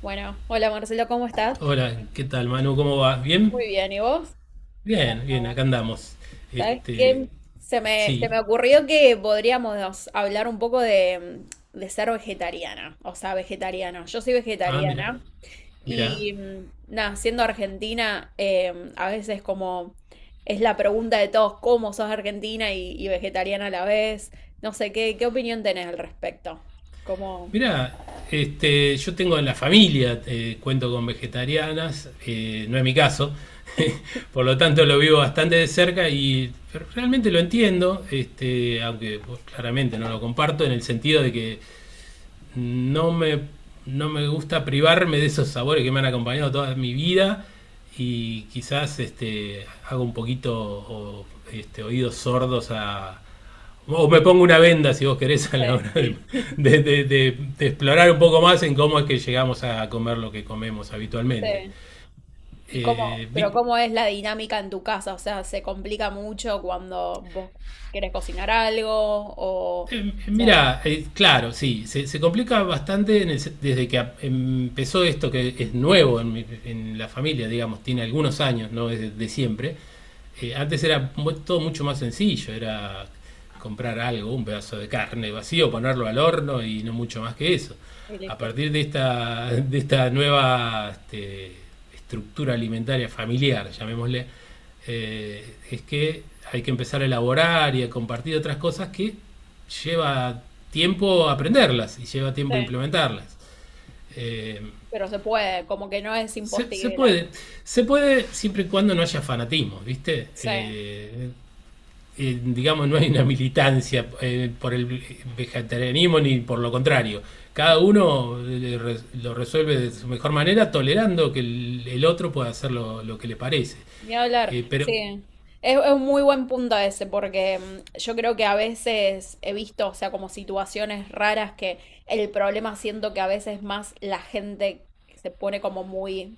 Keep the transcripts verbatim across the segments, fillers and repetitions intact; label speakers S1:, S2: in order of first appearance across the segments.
S1: Bueno, hola Marcelo, ¿cómo estás?
S2: Hola, ¿qué tal, Manu? ¿Cómo vas? ¿Bien?
S1: Muy bien, ¿y vos?
S2: Bien, bien,
S1: Bravo.
S2: acá andamos.
S1: ¿Sabes
S2: Este,
S1: qué? Se me, se
S2: sí.
S1: me ocurrió que podríamos hablar un poco de, de ser vegetariana, o sea, vegetariano. Yo soy
S2: Ah, mira,
S1: vegetariana
S2: mira,
S1: y mm, nada, siendo argentina, eh, a veces como es la pregunta de todos, ¿cómo sos argentina y, y vegetariana a la vez? No sé, ¿qué, qué opinión tenés al respecto? Como...
S2: mira. Este, yo tengo en la familia, eh, cuento con vegetarianas, eh, no es mi caso, por lo tanto lo vivo bastante de cerca y realmente lo entiendo, este, aunque pues, claramente no lo comparto en el sentido de que no me, no me gusta privarme de esos sabores que me han acompañado toda mi vida y quizás este, hago un poquito o, este, oídos sordos. A... O me pongo una venda, si vos querés, a la hora de,
S1: Sí,
S2: de- de- de- de explorar un poco más en cómo es que llegamos a comer lo que comemos habitualmente.
S1: sí. ¿Y
S2: Eh,
S1: cómo, pero cómo es la dinámica en tu casa? O sea, ¿se complica mucho cuando vos querés cocinar algo o,
S2: Eh,
S1: o sea,
S2: mira, eh, claro, sí, se, se complica bastante en el se- desde que ap- empezó esto que es nuevo en, mi- en la familia, digamos, tiene algunos años, no es de, de siempre, eh, antes era todo mucho más sencillo, era comprar algo, un pedazo de carne vacío, ponerlo al horno y no mucho más que eso.
S1: y
S2: A
S1: listo.
S2: partir de esta, de esta nueva este, estructura alimentaria familiar, llamémosle, eh, es que hay que empezar a elaborar y a compartir otras cosas que lleva tiempo aprenderlas y lleva tiempo
S1: Sí,
S2: implementarlas. Eh,
S1: pero se puede, como que no es
S2: se, se
S1: imposible.
S2: puede, se puede siempre y cuando no haya fanatismo, ¿viste?
S1: Sí,
S2: Eh, eh, digamos, no hay una militancia eh, por el vegetarianismo ni por lo contrario.
S1: sí,
S2: Cada uno eh, lo resuelve de su mejor manera, tolerando que el, el otro pueda hacer lo, lo que le parece.
S1: ni hablar.
S2: Eh, pero
S1: Sí, es, es un muy buen punto ese porque mm, yo creo que a veces he visto, o sea, como situaciones raras que el problema siento que a veces más la gente se pone como muy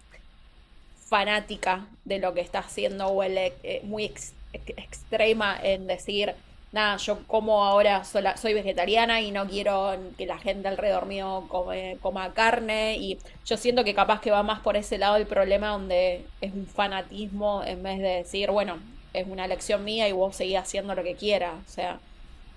S1: fanática de lo que está haciendo o el, eh, muy ex- ex- extrema en decir, nada, yo como ahora sola- soy vegetariana y no quiero que la gente alrededor mío come- coma carne. Y yo siento que capaz que va más por ese lado el problema donde es un fanatismo en vez de decir, bueno, es una elección mía y vos seguís haciendo lo que quieras. O sea,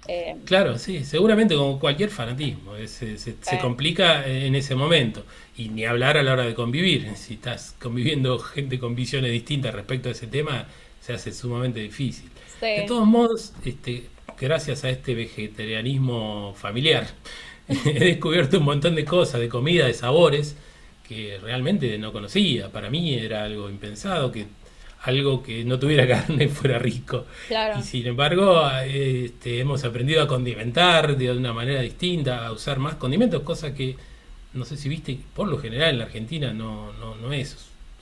S1: eh,
S2: Claro, sí, seguramente como cualquier fanatismo, es- se, se- se
S1: eh,
S2: complica eh, en ese momento. Y ni hablar a la hora de convivir. Si estás conviviendo gente con visiones distintas respecto a ese tema, se hace sumamente difícil. De
S1: sí,
S2: todos modos, este, gracias a este vegetarianismo familiar, he descubierto un montón de cosas, de comida, de sabores, que realmente no conocía. Para mí era algo impensado, que algo que no tuviera carne fuera rico. Y
S1: claro.
S2: sin embargo, este, hemos aprendido a condimentar de una manera distinta, a usar más condimentos, cosa que no sé si viste, por lo general en la Argentina no, no, no es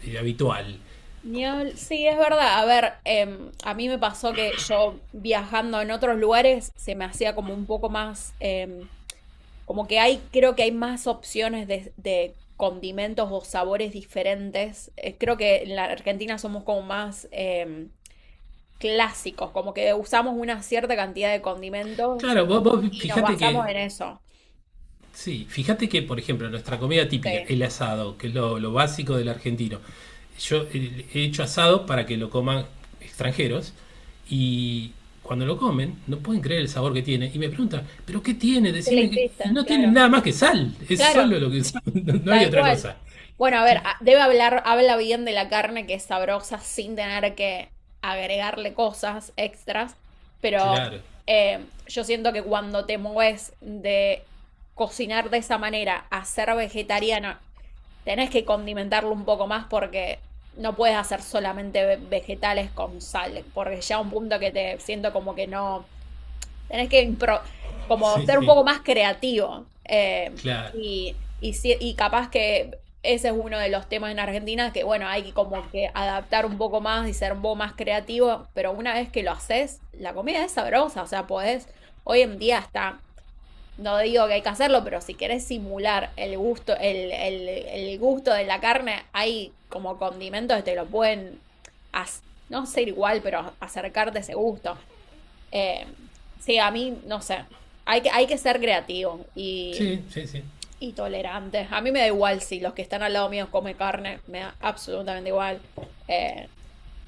S2: eh, habitual.
S1: Ni sí, es verdad. A ver, em, a mí me pasó que yo viajando en otros lugares se me hacía como un poco más, em, como que hay, creo que hay más opciones de, de condimentos o sabores diferentes. Eh, creo que en la Argentina somos como más em, clásicos, como que usamos una cierta cantidad de condimentos
S2: Claro. vos, vos
S1: y nos
S2: fijate que
S1: basamos en eso.
S2: Sí, fíjate que, por ejemplo, nuestra comida típica,
S1: Sí.
S2: el asado, que es lo, lo básico del argentino. Yo eh, he hecho asado para que lo coman extranjeros y cuando lo comen no pueden creer el sabor que tiene y me preguntan, ¿pero qué tiene?
S1: ¿Qué le
S2: Decime, qué-".
S1: hiciste?
S2: Y no tienen
S1: Claro.
S2: nada más que sal, es
S1: Claro,
S2: solo lo que usan, no no hay
S1: tal
S2: otra
S1: cual.
S2: cosa.
S1: Bueno, a ver,
S2: Cl-
S1: a- debe hablar, habla bien de la carne que es sabrosa sin tener que agregarle cosas extras, pero
S2: claro,
S1: eh, yo siento que cuando te mueves de cocinar de esa manera a ser vegetariano, tenés que condimentarlo un poco más porque no puedes hacer solamente ve- vegetales con sal, porque ya un punto que te siento como que no tenés que impro- como
S2: sí,
S1: ser un
S2: sí,
S1: poco más creativo. eh,
S2: claro,
S1: y, y, si- y capaz que ese es uno de los temas en Argentina que, bueno, hay que como que adaptar un poco más y ser un poco más creativo, pero una vez que lo haces, la comida es sabrosa, o sea, podés, hoy en día está, no digo que hay que hacerlo, pero si querés simular el gusto, el, el, el gusto de la carne, hay como condimentos que te lo pueden, hac- no ser igual, pero acercarte a ese gusto. Eh, sí, a mí, no sé, hay que, hay que ser creativo y,
S2: sí, sí, sí.
S1: y tolerante. A mí me da igual si los que están al lado mío comen carne, me da absolutamente igual. Eh,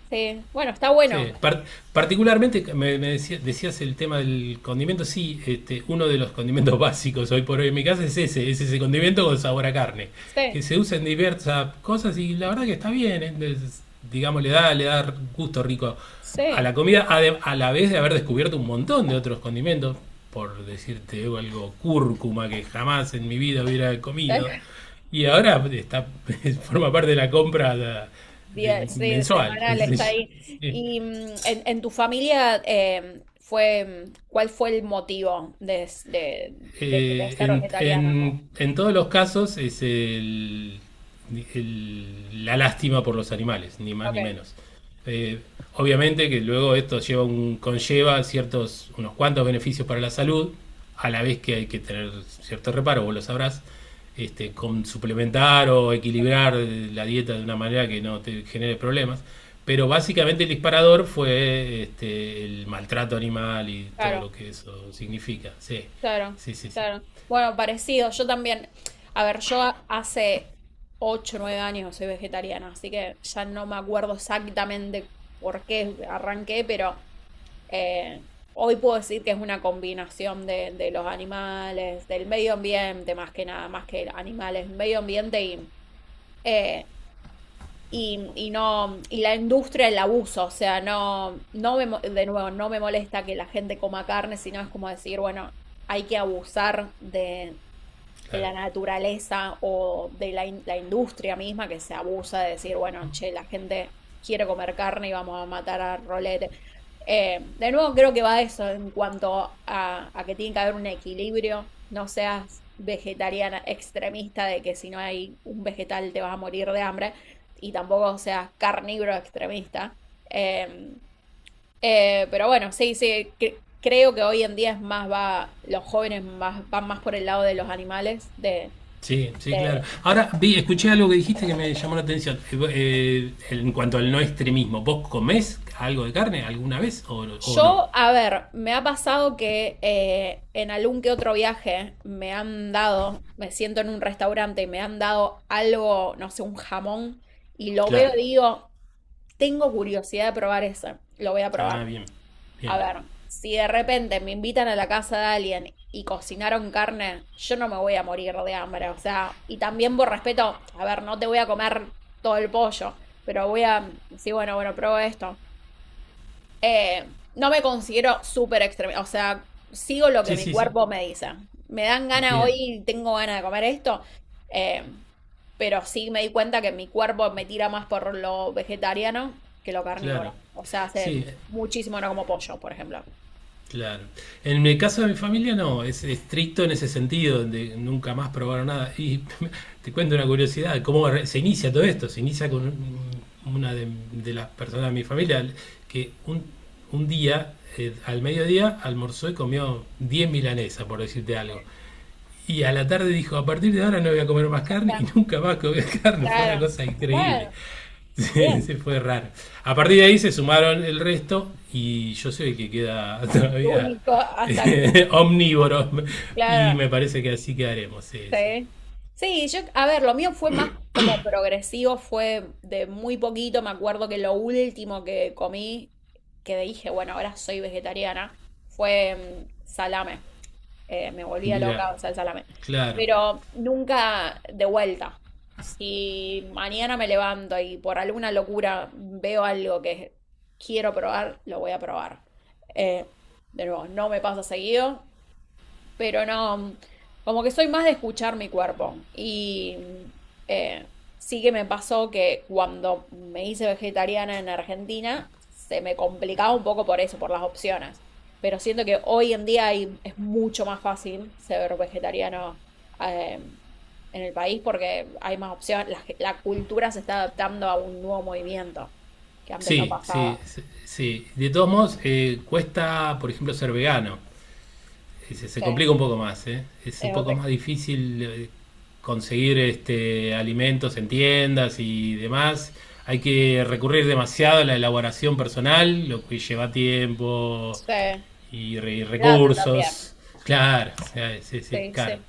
S1: sí, bueno, está
S2: Sí,
S1: bueno.
S2: par- particularmente me, me decía- decías el tema del condimento, sí, este, uno de los condimentos básicos hoy por hoy en mi casa es ese, es ese condimento con sabor a carne, que
S1: Sí,
S2: se usa en diversas cosas y la verdad que está bien, ¿eh? Es- digamos, le da, le da gusto rico a
S1: sí.
S2: la comida, ade- a la vez de haber descubierto un montón de otros condimentos, por decirte algo, cúrcuma que jamás en mi vida hubiera comido, y ahora está, forma parte de la compra de- de
S1: Diez, sí,
S2: mensual.
S1: semanal está ahí.
S2: Sí.
S1: Y mm, en, en tu familia eh, fue, mm, ¿cuál fue el motivo de, de, de que te
S2: Eh,
S1: hacer
S2: en,
S1: vegetariano?
S2: en- en todos los casos es el- el- la lástima por los animales, ni más
S1: Ok,
S2: ni menos. Eh, Obviamente que luego esto lleva un, conlleva ciertos, unos cuantos beneficios para la salud, a la vez que hay que tener cierto reparo, vos lo sabrás, este, con suplementar o equilibrar eh, la dieta de una manera que no te genere problemas. Pero básicamente el disparador fue este, el maltrato animal y todo
S1: claro.
S2: lo que eso significa. Sí.
S1: Claro,
S2: Sí, sí, sí,
S1: claro. Bueno, parecido. Yo también. A ver, yo a- hace ocho, nueve años soy vegetariana, así que ya no me acuerdo exactamente por qué arranqué, pero eh, hoy puedo decir que es una combinación de, de los animales, del medio ambiente, más que nada, más que animales, medio ambiente y, eh, y, y no, y la industria del abuso, o sea, no, no me, mo- de nuevo, no me molesta que la gente coma carne, sino es como decir, bueno, hay que abusar de, de
S2: claro.
S1: la naturaleza o de la, in- la industria misma que se abusa de decir, bueno, che, la gente quiere comer carne y vamos a matar a rolete. Eh, de nuevo, creo que va a eso en cuanto a, a que tiene que haber un equilibrio. No seas vegetariana extremista de que si no hay un vegetal te vas a morir de hambre y tampoco seas carnívoro extremista. Eh, eh, pero bueno, sí, sí, cre- creo que hoy en día es más, va, los jóvenes más, van más por el lado de los animales, de,
S2: Sí, sí, claro.
S1: de-
S2: Ahora vi, escuché algo que dijiste que me llamó la atención. Eh, vo- eh, en cuanto al no extremismo, ¿vos comés algo de carne alguna vez o, o no?
S1: yo, a ver, me ha pasado que eh, en algún que otro viaje me han dado, me siento en un restaurante y me han dado algo, no sé, un jamón, y lo veo
S2: Claro.
S1: y digo, tengo curiosidad de probar eso, lo voy a
S2: Ah,
S1: probar.
S2: bien,
S1: A
S2: bien.
S1: ver, si de repente me invitan a la casa de alguien y cocinaron carne, yo no me voy a morir de hambre. O sea, y también por respeto, a ver, no te voy a comer todo el pollo, pero voy a decir, bueno, bueno, pruebo esto. Eh, no me considero súper extremista. O sea, sigo lo que
S2: Sí,
S1: mi
S2: sí, sí.
S1: cuerpo me dice. Me dan ganas
S2: Bien,
S1: hoy, tengo ganas de comer esto. eh, pero sí me di cuenta que mi cuerpo me tira más por lo vegetariano que lo
S2: claro.
S1: carnívoro. O sea, hace
S2: Sí,
S1: muchísimo no como pollo, por ejemplo.
S2: claro. En el caso de mi familia no, es estricto en ese sentido, donde nunca más probaron nada. Y te cuento una curiosidad, cómo re- se inicia todo esto. Se inicia con un- una de, de las personas de mi familia que un, un día, eh, al mediodía, almorzó y comió diez milanesas, por decirte algo. Y a la tarde dijo, a partir de ahora no voy a comer más carne y
S1: Hasta-
S2: nunca más comió carne. Fue una
S1: claro.
S2: cosa increíble.
S1: Bueno, bien.
S2: Sí, se fue raro. A partir de ahí se sumaron el resto y yo soy el que queda todavía
S1: Único hasta,
S2: eh, omnívoro y
S1: claro,
S2: me parece que así quedaremos. Sí, sí.
S1: sí. Sí, yo, a ver, lo mío fue más como progresivo, fue de muy poquito. Me acuerdo que lo último que comí, que dije, bueno, ahora soy vegetariana, fue mm, salame. eh, me volvía
S2: Mira,
S1: loca, salsa salame.
S2: claro.
S1: Pero nunca de vuelta. Si mañana me levanto y por alguna locura veo algo que quiero probar, lo voy a probar. Eh, de nuevo, no me pasa seguido, pero no, como que soy más de escuchar mi cuerpo. Y eh, sí que me pasó que cuando me hice vegetariana en Argentina, se me complicaba un poco por eso, por las opciones. Pero siento que hoy en día hay- es mucho más fácil ser vegetariano eh, en el país porque hay más opciones. La, ge- la cultura se está adaptando a un nuevo movimiento que antes no
S2: Sí, sí,
S1: pasaba.
S2: sí. Sí. De todos modos, eh, cuesta, por ejemplo, ser vegano. Sí, Se, se
S1: Sí,
S2: complica un poco más, ¿eh? Es un
S1: es
S2: poco
S1: otra.
S2: más difícil eh, conseguir este, alimentos en tiendas y demás. Hay que recurrir demasiado a la elaboración personal, lo que lleva tiempo
S1: Sí,
S2: y, re- y
S1: plata también.
S2: recursos. Claro, o sea, sí, sí,
S1: Sí,
S2: caro.
S1: sí.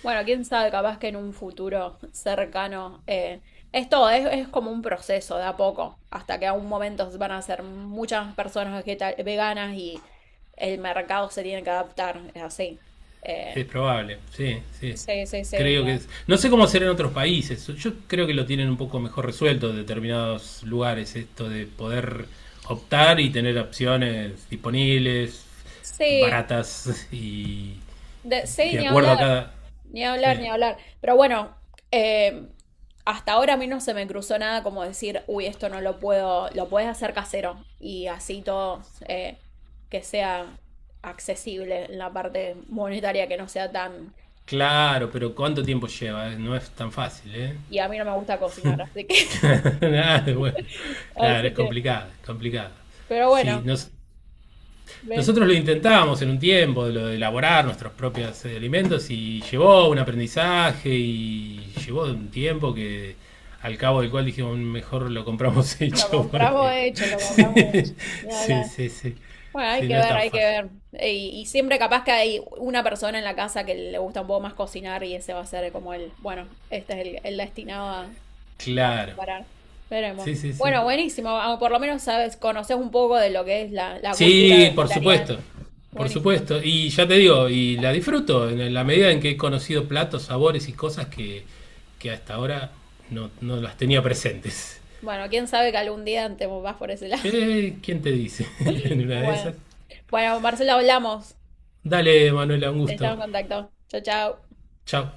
S1: Bueno, quién sabe, capaz que en un futuro cercano. eh, esto es, es como un proceso de a poco, hasta que a un momento van a ser muchas más personas vegeta- veganas y el mercado se tiene que adaptar, es así. Eh,
S2: Es probable, sí, sí.
S1: sí, sí, sí. Ni
S2: Creo que
S1: hab-
S2: es. No sé cómo será en otros países. Yo creo que lo tienen un poco mejor resuelto en determinados lugares, esto de poder optar y tener opciones disponibles,
S1: sí,
S2: baratas y, y
S1: de, sí,
S2: de
S1: ni
S2: acuerdo a
S1: hablar.
S2: cada.
S1: Ni hablar,
S2: Sí.
S1: ni hablar. Pero bueno, eh, hasta ahora a mí no se me cruzó nada como decir, uy, esto no lo puedo, lo puedes hacer casero y así todo eh, que sea accesible en la parte monetaria, que no sea tan...
S2: Claro, pero ¿cuánto tiempo lleva? ¿Eh? No es tan fácil, ¿eh?
S1: Y a mí no me gusta cocinar, así que...
S2: Claro, bueno. Claro,
S1: Así
S2: es
S1: que,
S2: complicado, es complicado.
S1: pero
S2: Sí,
S1: bueno,
S2: no,
S1: ¿ves?
S2: nosotros lo intentábamos en un tiempo, de lo de elaborar nuestros propios eh, alimentos y llevó un aprendizaje y llevó un tiempo que al cabo del cual dijimos mejor lo compramos
S1: Lo
S2: hecho
S1: compramos
S2: porque
S1: hecho, lo
S2: sí,
S1: compramos hecho. Ni
S2: sí,
S1: hablar.
S2: sí, sí,
S1: Bueno, hay
S2: sí,
S1: que
S2: no es
S1: ver,
S2: tan
S1: hay que
S2: fácil.
S1: ver. Eh, Y, y siempre capaz que hay una persona en la casa que le gusta un poco más cocinar y ese va a ser como el, bueno, este es el, el destinado a, a
S2: Claro,
S1: preparar. Veremos.
S2: sí, sí, sí.
S1: Bueno, buenísimo. Ah, por lo menos sabes, conoces un poco de lo que es la, la cultura
S2: Sí, por
S1: vegetariana.
S2: supuesto, por
S1: Buenísimo.
S2: supuesto. Y ya te digo, y la disfruto en la medida en que he conocido platos, sabores y cosas que, que hasta ahora no, no las tenía presentes.
S1: Bueno, quién sabe que algún día te vas por ese lado.
S2: Eh, ¿quién te dice? En una de
S1: Bueno,
S2: esas.
S1: bueno, Marcelo, hablamos.
S2: Dale, Manuela, un
S1: Estamos
S2: gusto.
S1: en contacto. Chao, chao.
S2: Chao.